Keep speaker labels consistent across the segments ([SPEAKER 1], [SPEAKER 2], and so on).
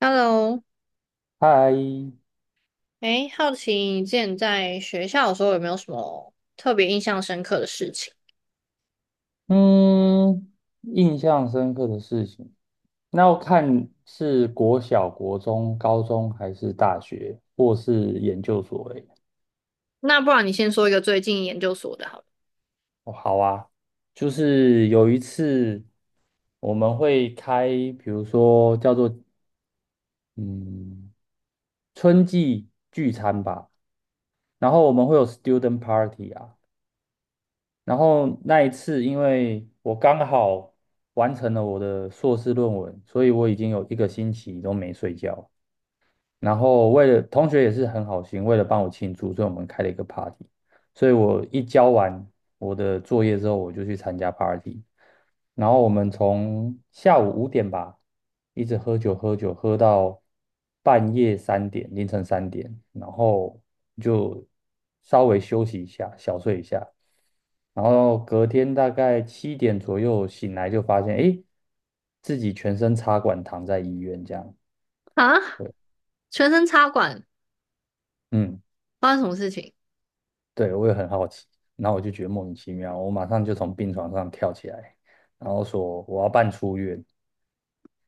[SPEAKER 1] Hello，
[SPEAKER 2] 嗨，
[SPEAKER 1] 哎，好奇你之前在学校的时候有没有什么特别印象深刻的事情？
[SPEAKER 2] 嗯，印象深刻的事情，那要看是国小、国中、高中还是大学，或是研究所诶。
[SPEAKER 1] 那不然你先说一个最近研究所的好了。
[SPEAKER 2] 哦，好啊，就是有一次我们会开，比如说叫做嗯春季聚餐吧，然后我们会有 student party 啊，然后那一次因为我刚好完成了我的硕士论文，所以我已经有一个星期都没睡觉。然后为了同学也是很好心，为了帮我庆祝，所以我们开了一个 party。所以我一交完我的作业之后，我就去参加 party。然后我们从下午5点吧，一直喝酒喝酒喝到半夜3点，凌晨3点，然后就稍微休息一下，小睡一下。然后隔天大概七点左右醒来，就发现诶，自己全身插管躺在医院这样。
[SPEAKER 1] 啊，全身插管，
[SPEAKER 2] 嗯。
[SPEAKER 1] 发生什么事情？
[SPEAKER 2] 对，我也很好奇，然后我就觉得莫名其妙，我马上就从病床上跳起来，然后说我要办出院，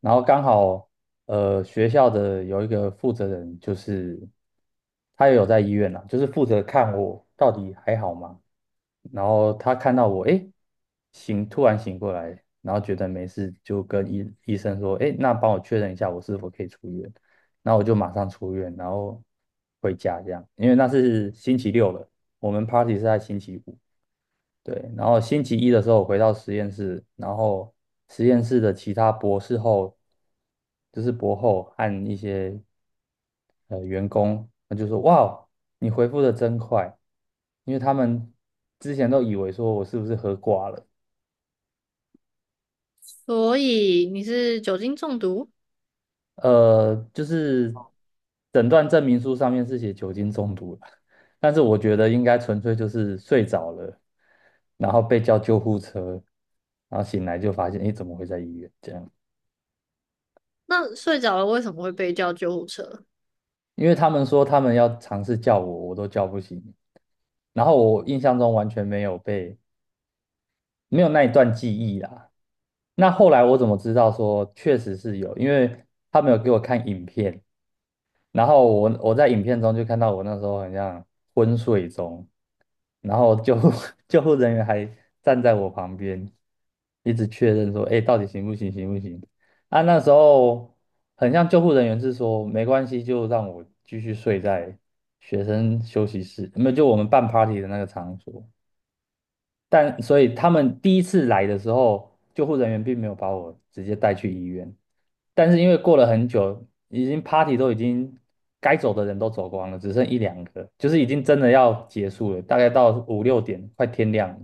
[SPEAKER 2] 然后刚好学校的有一个负责人，就是他也有在医院啦，就是负责看我到底还好吗？然后他看到我，诶，醒，突然醒过来，然后觉得没事，就跟医生说，诶，那帮我确认一下我是否可以出院，那我就马上出院，然后回家这样，因为那是星期六了。我们 party 是在星期五，对，然后星期一的时候我回到实验室，然后实验室的其他博士后，就是博后和一些员工，他就说："哇哦，你回复的真快，因为他们之前都以为说我是不是喝挂了。
[SPEAKER 1] 所以你是酒精中毒？
[SPEAKER 2] 就是诊断证明书上面是写酒精中毒了，但是我觉得应该纯粹就是睡着了，然后被叫救护车，然后醒来就发现，诶，怎么会在医院这样？
[SPEAKER 1] 那睡着了为什么会被叫救护车？
[SPEAKER 2] 因为他们说他们要尝试叫我，我都叫不醒，然后我印象中完全没有那一段记忆啦。那后来我怎么知道说确实是有？因为他们有给我看影片，然后我在影片中就看到我那时候很像昏睡中，然后救护 救护人员还站在我旁边，一直确认说，哎，到底行不行，行不行？啊，那时候很像救护人员是说没关系，就让我继续睡在学生休息室，没有，就我们办 party 的那个场所。但所以他们第一次来的时候，救护人员并没有把我直接带去医院，但是因为过了很久，已经 party 都已经该走的人都走光了，只剩一两个，就是已经真的要结束了，大概到五六点，快天亮了，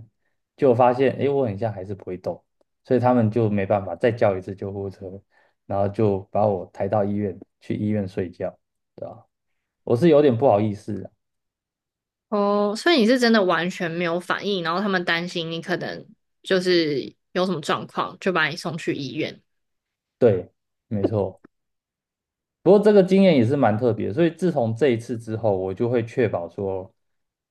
[SPEAKER 2] 就发现哎，我很像还是不会动，所以他们就没办法再叫一次救护车，然后就把我抬到医院去医院睡觉，对吧？我是有点不好意思啊。
[SPEAKER 1] 哦，所以你是真的完全没有反应，然后他们担心你可能就是有什么状况，就把你送去医院。
[SPEAKER 2] 对，没错。不过这个经验也是蛮特别的，所以自从这一次之后，我就会确保说，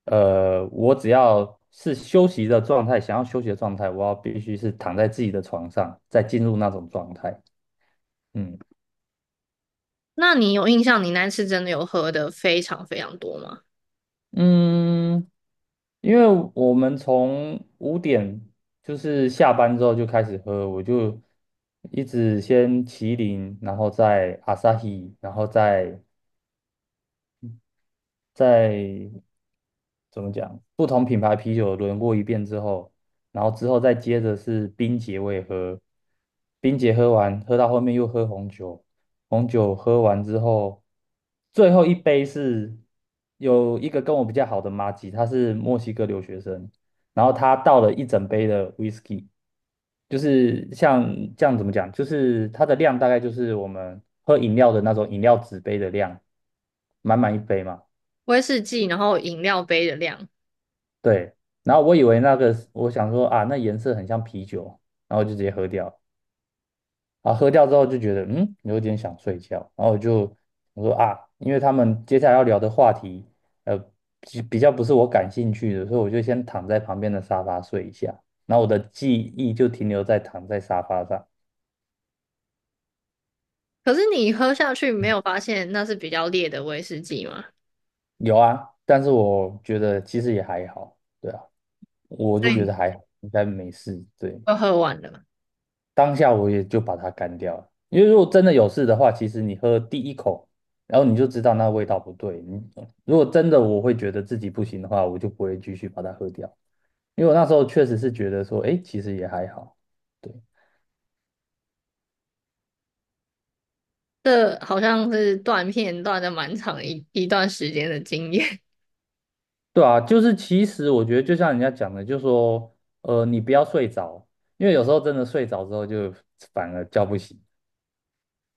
[SPEAKER 2] 我只要是休息的状态，想要休息的状态，我要必须是躺在自己的床上，再进入那种状态。嗯
[SPEAKER 1] 那你有印象你那次真的有喝的非常非常多吗？
[SPEAKER 2] 嗯，因为我们从五点就是下班之后就开始喝，我就一直先麒麟，然后再阿萨 a 然后再。怎么讲，不同品牌啤酒轮过一遍之后，然后之后再接着是冰姐我也喝，冰姐喝完，喝到后面又喝红酒，红酒喝完之后，最后一杯是有一个跟我比较好的妈吉，她是墨西哥留学生，然后她倒了一整杯的 whisky,就是像这样怎么讲，就是它的量大概就是我们喝饮料的那种饮料纸杯的量，满满一杯嘛。
[SPEAKER 1] 威士忌，然后饮料杯的量。
[SPEAKER 2] 对，然后我以为那个我想说啊，那颜色很像啤酒，然后就直接喝掉。啊，喝掉之后就觉得嗯，有点想睡觉，然后我就我说啊，因为他们接下来要聊的话题，呃，比较不是我感兴趣的，所以我就先躺在旁边的沙发睡一下。然后我的记忆就停留在躺在沙发上。
[SPEAKER 1] 可是你喝下去没有发现那是比较烈的威士忌吗？
[SPEAKER 2] 有啊，但是我觉得其实也还好。对啊，我就
[SPEAKER 1] 所
[SPEAKER 2] 觉
[SPEAKER 1] 以
[SPEAKER 2] 得还好，应该没事。对，
[SPEAKER 1] 就喝完了。
[SPEAKER 2] 当下我也就把它干掉了。因为如果真的有事的话，其实你喝第一口，然后你就知道那味道不对。你如果真的我会觉得自己不行的话，我就不会继续把它喝掉。因为我那时候确实是觉得说，哎，其实也还好。对。
[SPEAKER 1] 这好像是断片断的蛮长一段时间的经验，
[SPEAKER 2] 对啊，就是其实我觉得就像人家讲的，就说你不要睡着，因为有时候真的睡着之后就反而叫不醒，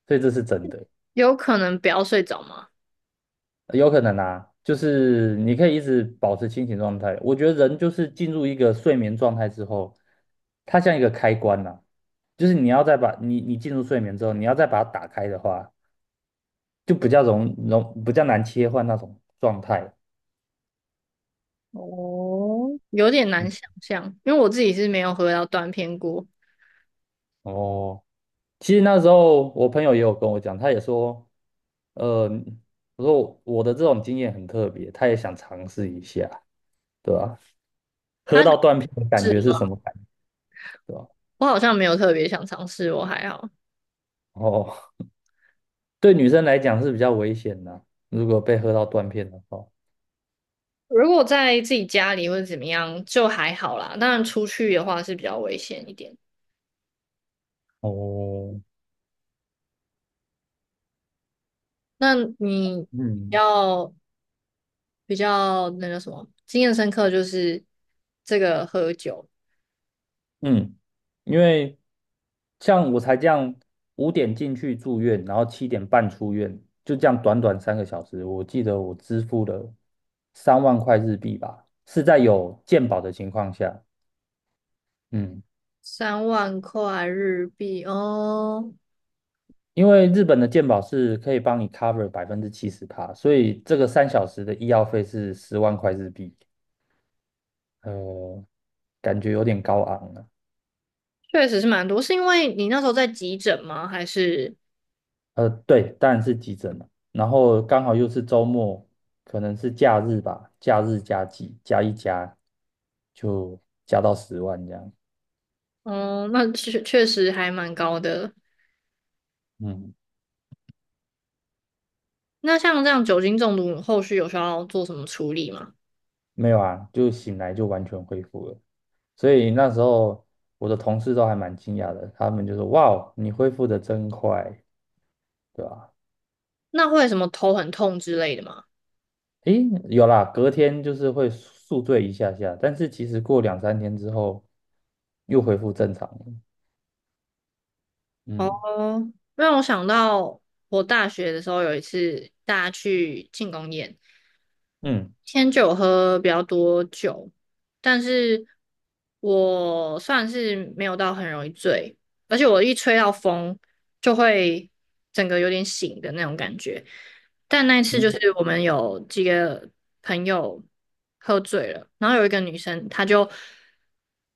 [SPEAKER 2] 所以这是真的。
[SPEAKER 1] 有可能不要睡着吗？
[SPEAKER 2] 有可能啊，就是你可以一直保持清醒状态。我觉得人就是进入一个睡眠状态之后，它像一个开关呐、就是你要再把你进入睡眠之后，你要再把它打开的话，就比较比较难切换那种状态。
[SPEAKER 1] 哦，有点难
[SPEAKER 2] 嗯，
[SPEAKER 1] 想象，因为我自己是没有喝到断片过。
[SPEAKER 2] 哦，其实那时候我朋友也有跟我讲，他也说，呃，我说我的这种经验很特别，他也想尝试一下，对吧？喝
[SPEAKER 1] 他
[SPEAKER 2] 到断片的感
[SPEAKER 1] 是
[SPEAKER 2] 觉是
[SPEAKER 1] 吗？
[SPEAKER 2] 什么感觉？对吧？
[SPEAKER 1] 我好像没有特别想尝试，我还好。
[SPEAKER 2] 哦。对女生来讲是比较危险的啊，如果被喝到断片的话。
[SPEAKER 1] 如果在自己家里或者怎么样，就还好啦。当然出去的话是比较危险一点。
[SPEAKER 2] 哦。
[SPEAKER 1] 那你
[SPEAKER 2] 嗯
[SPEAKER 1] 要比较那叫什么，经验深刻就是这个喝酒，
[SPEAKER 2] 嗯，因为像我才这样五点进去住院，然后7点半出院，就这样短短3个小时，我记得我支付了3万块日币吧，是在有健保的情况下。嗯，
[SPEAKER 1] 3万块日币哦，
[SPEAKER 2] 因为日本的健保是可以帮你 cover 70%趴，所以这个3小时的医药费是10万块日币。呃，感觉有点高昂啊。
[SPEAKER 1] 确实是蛮多。是因为你那时候在急诊吗？还是
[SPEAKER 2] 对，当然是急诊了。然后刚好又是周末，可能是假日吧，假日加急加一加，就加到十万这样。
[SPEAKER 1] 嗯，那确确实还蛮高的。
[SPEAKER 2] 嗯，
[SPEAKER 1] 那像这样酒精中毒，后续有需要做什么处理吗？
[SPEAKER 2] 没有啊，就醒来就完全恢复了。所以那时候我的同事都还蛮惊讶的，他们就说："哇哦，你恢复的真快，对吧？"
[SPEAKER 1] 那会有什么头很痛之类的吗？
[SPEAKER 2] 诶，有啦，隔天就是会宿醉一下下，但是其实过两三天之后又恢复正常了。嗯
[SPEAKER 1] 哦，让我想到我大学的时候有一次大家去庆功宴。
[SPEAKER 2] 嗯
[SPEAKER 1] 天酒喝比较多酒，但是我算是没有到很容易醉，而且我一吹到风就会整个有点醒的那种感觉。但那一次就
[SPEAKER 2] 嗯
[SPEAKER 1] 是我们有几个朋友喝醉了，然后有一个女生，她就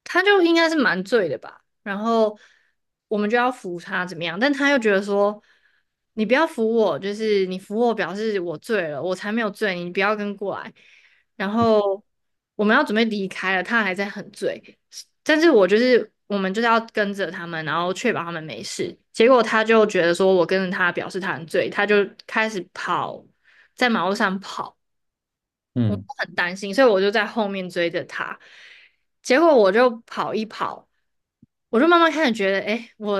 [SPEAKER 1] 她就应该是蛮醉的吧，然后我们就要扶她怎么样，但她又觉得说你不要扶我，就是你扶我表示我醉了，我才没有醉，你不要跟过来。然后我们要准备离开了，她还在很醉，但是我们就是要跟着他们，然后确保他们没事。结果他就觉得说我跟着他，表示他很醉，他就开始跑，在马路上跑。
[SPEAKER 2] 嗯
[SPEAKER 1] 很担心，所以我就在后面追着他。结果我就跑一跑，我就慢慢开始觉得，哎，我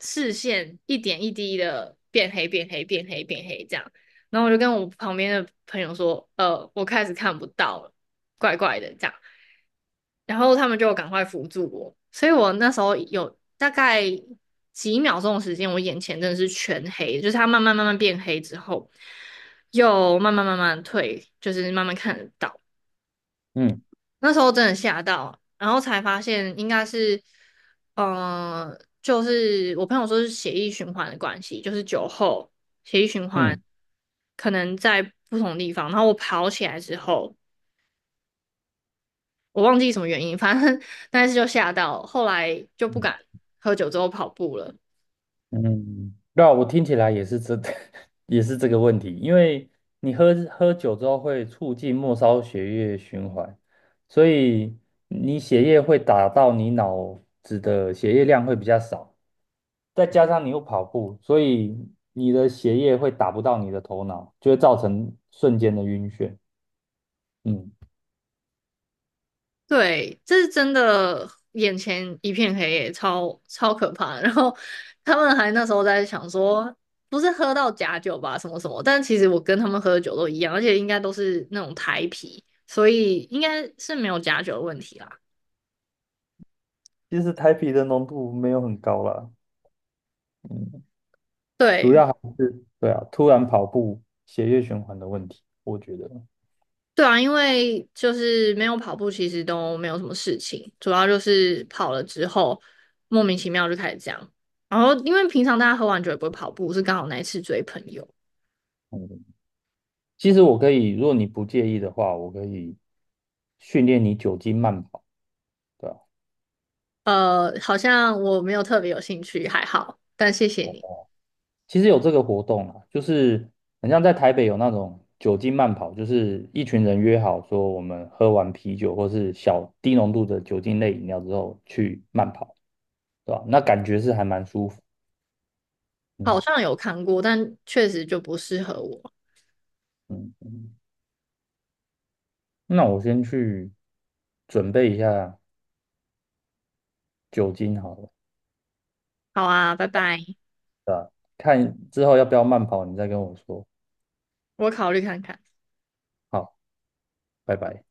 [SPEAKER 1] 视线一点一滴的变黑、变黑、变黑、变黑这样。然后我就跟我旁边的朋友说，我开始看不到了，怪怪的这样。然后他们就赶快扶住我，所以我那时候有大概几秒钟的时间，我眼前真的是全黑，就是它慢慢慢慢变黑之后，又慢慢慢慢退，就是慢慢看得到。
[SPEAKER 2] 嗯
[SPEAKER 1] 那时候真的吓到，然后才发现应该是，就是我朋友说是血液循环的关系，就是酒后血液循环
[SPEAKER 2] 嗯。
[SPEAKER 1] 可能在不同地方。然后我跑起来之后，我忘记什么原因，反正 但是就吓到，后来就不
[SPEAKER 2] 嗯
[SPEAKER 1] 敢喝酒之后跑步了。
[SPEAKER 2] 嗯，那我听起来也是这，也是这个问题，因为你喝酒之后会促进末梢血液循环，所以你血液会打到你脑子的血液量会比较少，再加上你又跑步，所以你的血液会打不到你的头脑，就会造成瞬间的晕眩。嗯，
[SPEAKER 1] 对，这是真的，眼前一片黑耶，超可怕的然后他们还那时候在想说，不是喝到假酒吧，什么什么。但其实我跟他们喝的酒都一样，而且应该都是那种台啤，所以应该是没有假酒的问题啦。
[SPEAKER 2] 其实台啤的浓度没有很高啦。嗯，主
[SPEAKER 1] 对，
[SPEAKER 2] 要还是对啊，突然跑步血液循环的问题，我觉得。
[SPEAKER 1] 对啊，因为就是没有跑步，其实都没有什么事情，主要就是跑了之后莫名其妙就开始这样。然后因为平常大家喝完酒也不会跑步，是刚好那一次追朋友。
[SPEAKER 2] 嗯其实我可以，如果你不介意的话，我可以训练你酒精慢跑，对吧？
[SPEAKER 1] 好像我没有特别有兴趣，还好，但谢谢你。
[SPEAKER 2] 其实有这个活动啊，就是很像在台北有那种酒精慢跑，就是一群人约好说，我们喝完啤酒或是小低浓度的酒精类饮料之后去慢跑，对吧？那感觉是还蛮舒服。
[SPEAKER 1] 好
[SPEAKER 2] 嗯
[SPEAKER 1] 像有看过，但确实就不适合我。
[SPEAKER 2] 嗯，那我先去准备一下酒精好了，
[SPEAKER 1] 好啊，拜拜，
[SPEAKER 2] 看之后要不要慢跑，你再跟我说。
[SPEAKER 1] 我考虑看看。
[SPEAKER 2] 好，拜拜。